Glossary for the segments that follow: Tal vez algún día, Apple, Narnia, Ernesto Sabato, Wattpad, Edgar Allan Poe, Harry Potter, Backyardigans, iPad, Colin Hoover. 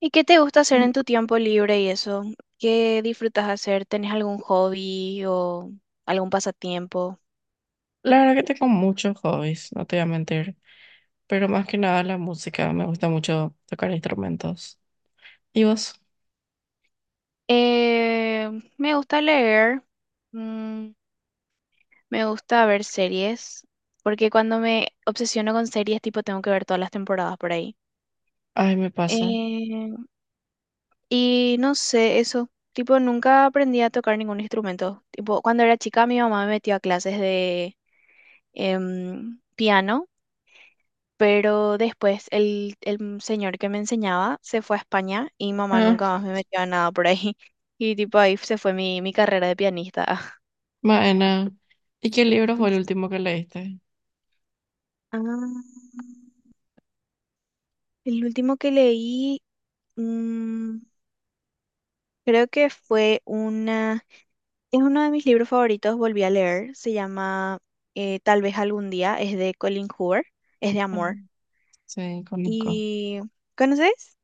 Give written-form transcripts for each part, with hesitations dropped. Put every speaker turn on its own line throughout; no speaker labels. ¿Y qué te gusta hacer en tu tiempo libre y eso? ¿Qué disfrutas hacer? ¿Tenés algún hobby o algún pasatiempo?
La verdad que tengo muchos hobbies, no te voy a mentir, pero más que nada la música, me gusta mucho tocar instrumentos. ¿Y vos?
Eh, Me gusta leer, mm, me gusta ver series, porque cuando me obsesiono con series, tipo, tengo que ver todas las temporadas por ahí.
Ay, me pasa.
Eh, y no sé, eso, tipo, nunca aprendí a tocar ningún instrumento. Tipo, cuando era chica, mi mamá me metió a clases de piano. Pero después el señor que me enseñaba se fue a España y mamá
Ah.
nunca más me metió a nada por ahí. Y tipo ahí se fue mi carrera de pianista.
Maena. ¿Y qué libro fue el último que leíste?
Ah, el último que leí, mm, creo que fue una, es uno de mis libros favoritos, volví a leer, se llama Tal vez algún día, es de Colin Hoover, es de
Ah.
amor.
Sí, conozco.
¿Y conoces?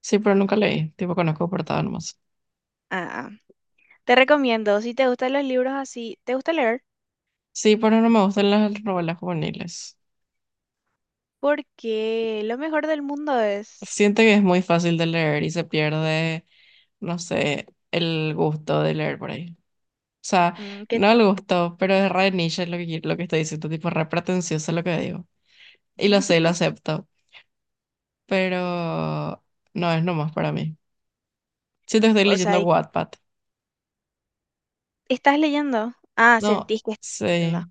Sí, pero nunca leí, tipo conozco portada nomás.
Ah, te recomiendo, si te gustan los libros así, ¿te gusta leer?
Sí, pero no me gustan las novelas juveniles.
Porque lo mejor del mundo es
Siento que es muy fácil de leer y se pierde, no sé, el gusto de leer por ahí. O sea,
mm, que,
no le gustó, pero es re niche lo que estoy diciendo, tipo re pretencioso lo que digo. Y lo sé, lo acepto, pero no es nomás para mí. Siento que estoy
o sea,
leyendo Wattpad.
estás leyendo. Ah,
No,
sentís que estás leyendo.
sí.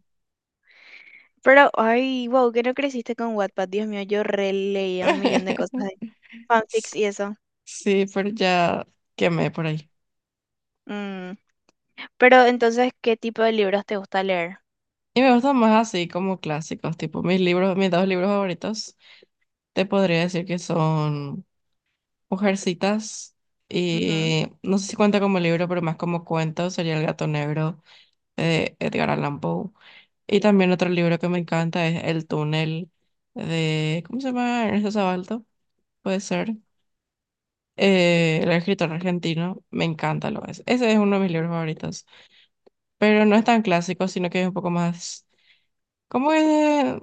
Pero, ay, wow, que no creciste con Wattpad. Dios mío, yo releía un millón de cosas de fanfics y eso.
Sí, pero ya quemé por ahí.
Mm. Pero entonces, ¿qué tipo de libros te gusta leer?
Y me gustan más así como clásicos, tipo mis libros, mis dos libros favoritos, te podría decir que son Mujercitas
Ujú,
y no sé si cuenta como libro, pero más como cuento, sería El gato negro de Edgar Allan Poe. Y también otro libro que me encanta es El túnel de, ¿cómo se llama? Ernesto Sabalto, puede ser. El escritor argentino, me encanta lo es. Ese es uno de mis libros favoritos, pero no es tan clásico, sino que es un poco más, ¿cómo es?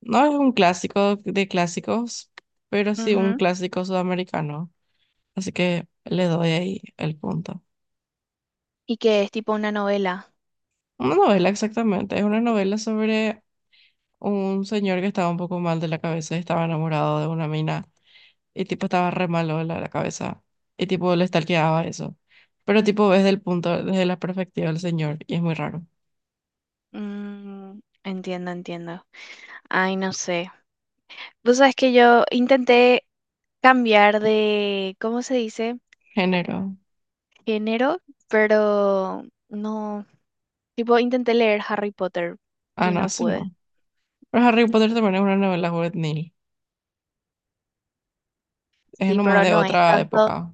No es un clásico de clásicos, pero sí un
ujú.
clásico sudamericano. Así que le doy ahí el punto.
Y que es tipo una novela.
Una novela exactamente, es una novela sobre un señor que estaba un poco mal de la cabeza y estaba enamorado de una mina y tipo estaba re malo de la cabeza y tipo le stalkeaba eso. Pero tipo ves del punto, desde la perspectiva del señor y es muy raro.
Mm, entiendo, entiendo. Ay, no sé. Vos sabés que yo intenté cambiar de, ¿cómo se dice?
Género.
Enero, pero no, tipo, intenté leer Harry Potter
Ah,
y
no,
no
eso
pude.
no. Pero Harry Potter también es una novela juvenil. Es
Sí,
nomás
pero
de
no es
otra
tanto,
época.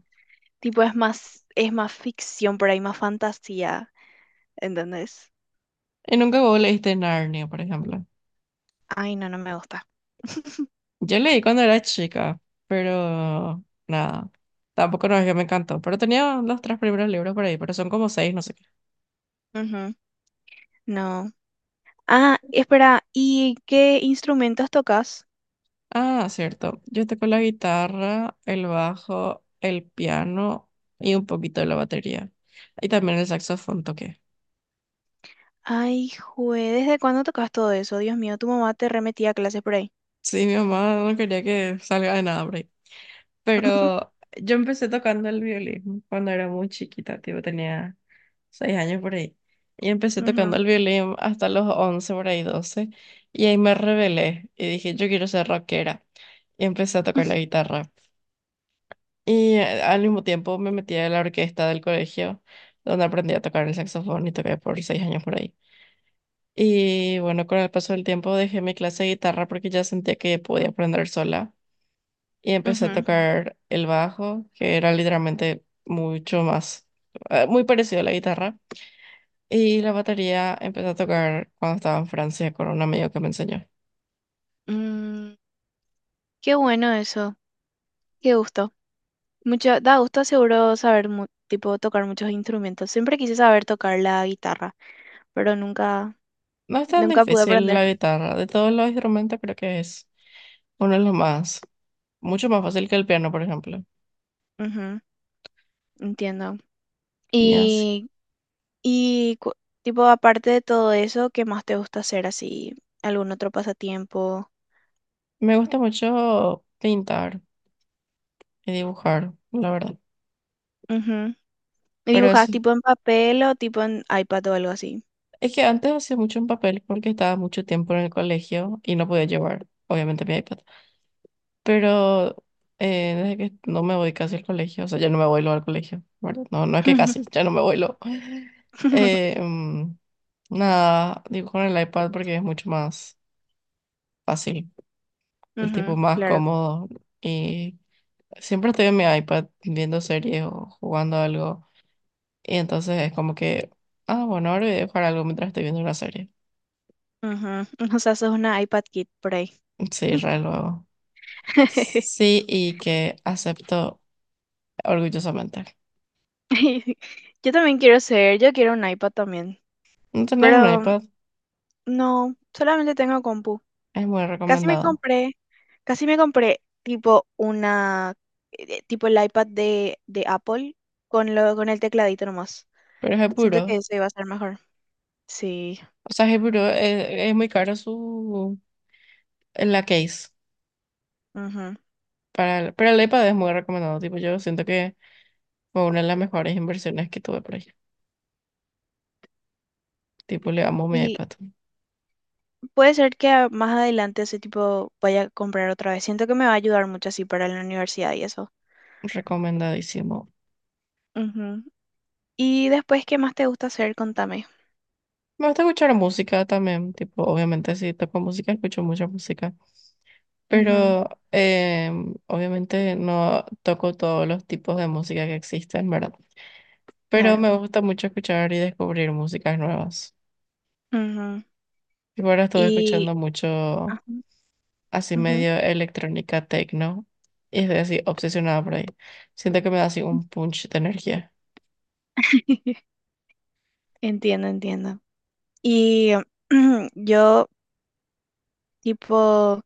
tipo, es más ficción por ahí, más fantasía, ¿entendés?
Y nunca vos leíste Narnia, por ejemplo.
Ay, no, no me gusta.
Yo leí cuando era chica, pero nada. Tampoco no es que me encantó. Pero tenía los tres primeros libros por ahí, pero son como seis, no sé qué.
Ujú, no. Ah, espera, ¿y qué instrumentos tocas?
Ah, cierto. Yo toco la guitarra, el bajo, el piano y un poquito de la batería. Y también el saxofón toqué.
Ay, jue, ¿desde cuándo tocas todo eso? Dios mío, tu mamá te remetía a clases por ahí.
Sí, mi mamá no quería que salga de nada, por ahí. Pero yo empecé tocando el violín cuando era muy chiquita, tipo tenía 6 años por ahí. Y empecé
Ujú,
tocando el violín hasta los 11 por ahí 12. Y ahí me rebelé y dije, yo quiero ser rockera. Y empecé a tocar la guitarra. Y al mismo tiempo me metí a la orquesta del colegio, donde aprendí a tocar el saxofón y toqué por 6 años por ahí. Y bueno, con el paso del tiempo dejé mi clase de guitarra porque ya sentía que podía aprender sola. Y empecé a
ujú.
tocar el bajo, que era literalmente mucho más, muy parecido a la guitarra. Y la batería empecé a tocar cuando estaba en Francia con un amigo que me enseñó.
Mm, qué bueno eso, qué gusto. Mucho, da gusto seguro saber, tipo, tocar muchos instrumentos. Siempre quise saber tocar la guitarra, pero nunca,
No es tan
nunca pude
difícil
aprender.
la guitarra. De todos los instrumentos creo que es uno de los más, mucho más fácil que el piano, por ejemplo.
Ujú, entiendo.
Ya.
Y, y tipo, aparte de todo eso, ¿qué más te gusta hacer así? ¿Algún otro pasatiempo?
Me gusta mucho pintar y dibujar, la verdad.
Ujú. ¿Y
Pero
dibujas
eso,
tipo en papel o tipo en iPad o algo así?
es que antes hacía mucho en papel porque estaba mucho tiempo en el colegio y no podía llevar, obviamente, mi iPad. Pero desde que no me voy casi al colegio, o sea, ya no me voy luego al colegio, ¿verdad? No, no es que casi, ya no me voy luego. Eh, mm, nada, dibujo en el iPad porque es mucho más fácil, el tipo
Ujú,
más
claro.
cómodo y siempre estoy en mi iPad viendo series o jugando algo. Y entonces es como que, ah, bueno, ahora voy a jugar algo mientras estoy viendo una serie.
Ujú. O sea, sos una iPad Kid por ahí.
Sí, re lo hago. Sí, y que acepto orgullosamente.
Yo también quiero ser, yo quiero un iPad también.
No tenés un
Pero
iPad,
no, solamente tengo compu.
es muy
Casi me
recomendado.
compré, casi me compré tipo una, tipo el iPad de Apple con lo, con el tecladito nomás.
Pero es
Siento que
puro.
eso iba a ser mejor. Sí.
O sea, es puro es muy caro su en la case.
Ujú.
Pero el iPad es muy recomendado. Tipo, yo siento que fue una de las mejores inversiones que tuve por ahí. Tipo, le amo mi
Y
iPad.
puede ser que más adelante ese tipo vaya a comprar otra vez. Siento que me va a ayudar mucho así para la universidad y eso.
Recomendadísimo.
Ujú. Y después, ¿qué más te gusta hacer? Contame.
Me gusta escuchar música también. Tipo, obviamente si toco música, escucho mucha música.
Ujú,
Pero obviamente no toco todos los tipos de música que existen, ¿verdad? Pero
claro.
me gusta mucho escuchar y descubrir músicas nuevas.
Ujú.
Y ahora estuve
Y...
escuchando mucho
ajá,
así
ujú.
medio electrónica techno y estoy así obsesionada por ahí. Siento que me da así un punch de energía,
Entiendo, entiendo. Y yo, tipo,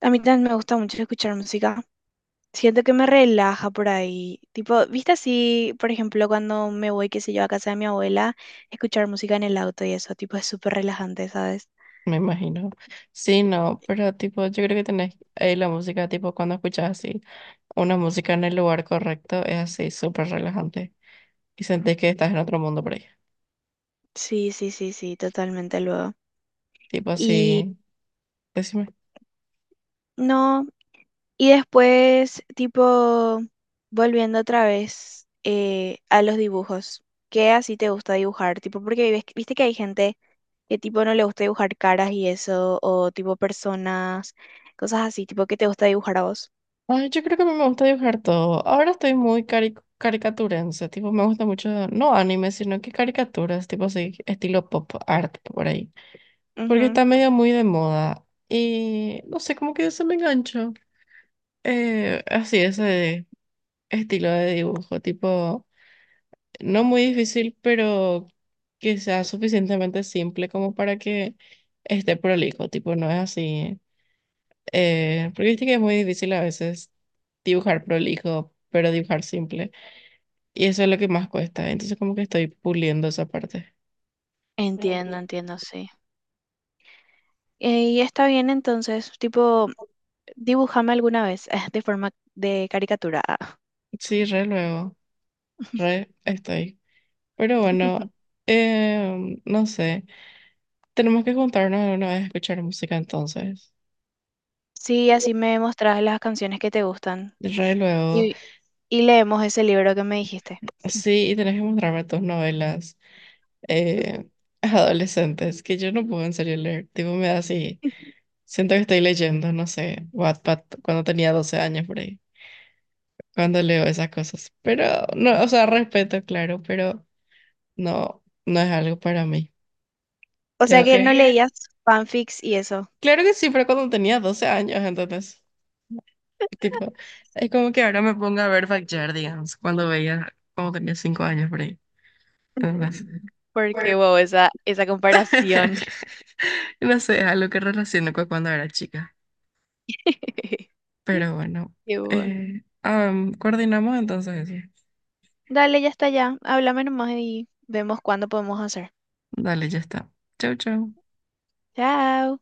a mí también me gusta mucho escuchar música. Siento que me relaja por ahí. Tipo, ¿viste así, por ejemplo, cuando me voy, qué sé yo, a casa de mi abuela, escuchar música en el auto y eso, tipo, es súper relajante, ¿sabes?
me imagino. Sí, no, pero tipo, yo creo que tenés ahí la música, tipo cuando escuchas así una música en el lugar correcto, es así súper relajante y sentís que estás en otro mundo por ahí.
Sí, sí, sí, sí, totalmente luego.
Tipo
Y
así. Decime.
no, y después, tipo, volviendo otra vez a los dibujos. ¿Qué así te gusta dibujar? Tipo, porque viste que hay gente que tipo no le gusta dibujar caras y eso, o tipo personas, cosas así, tipo que te gusta dibujar a vos.
Ay, yo creo que a mí me gusta dibujar todo. Ahora estoy muy caricaturense, tipo, me gusta mucho, no anime, sino que caricaturas, tipo así, estilo pop art por ahí. Porque
Ujú.
está medio muy de moda. Y no sé, como que se me enganchó. Así, ese estilo de dibujo, tipo, no muy difícil, pero que sea suficientemente simple como para que esté prolijo, tipo, no es así. Porque viste que es muy difícil a veces dibujar prolijo, pero dibujar simple. Y eso es lo que más cuesta. Entonces como que estoy puliendo esa parte.
Entiendo,
Entiendo.
entiendo, sí. Y está bien entonces, tipo, dibújame alguna vez de forma de caricatura. Ah.
Sí, re luego, re estoy. Pero bueno, no sé. Tenemos que juntarnos alguna vez a escuchar música entonces.
Sí,
Sí,
así me mostrás las canciones que te gustan
re luego.
y, y leemos ese libro que me dijiste.
Sí, y tenés que mostrarme tus novelas eh, adolescentes, que yo no puedo en serio leer. Tipo, me da así. Siento que estoy leyendo, no sé, Wattpad cuando tenía 12 años por ahí, cuando leo esas cosas. Pero, no, o sea, respeto, claro, pero no, no es algo para mí.
O sea
Tengo
que no
que...
leías fanfics y eso.
Claro que sí, pero cuando tenía 12 años, entonces, tipo, es como que ahora me pongo a ver Backyardigans, cuando veía, cuando tenía 5 años por ahí. Entonces,
Ujú. Porque, wow, esa comparación.
no sé, es algo que relaciono con cuando era chica. Pero bueno,
Qué guau.
ah, coordinamos entonces eso.
Dale, ya está ya. Háblame nomás y vemos cuándo podemos hacer.
Dale, ya está. Chau, chau.
Chao.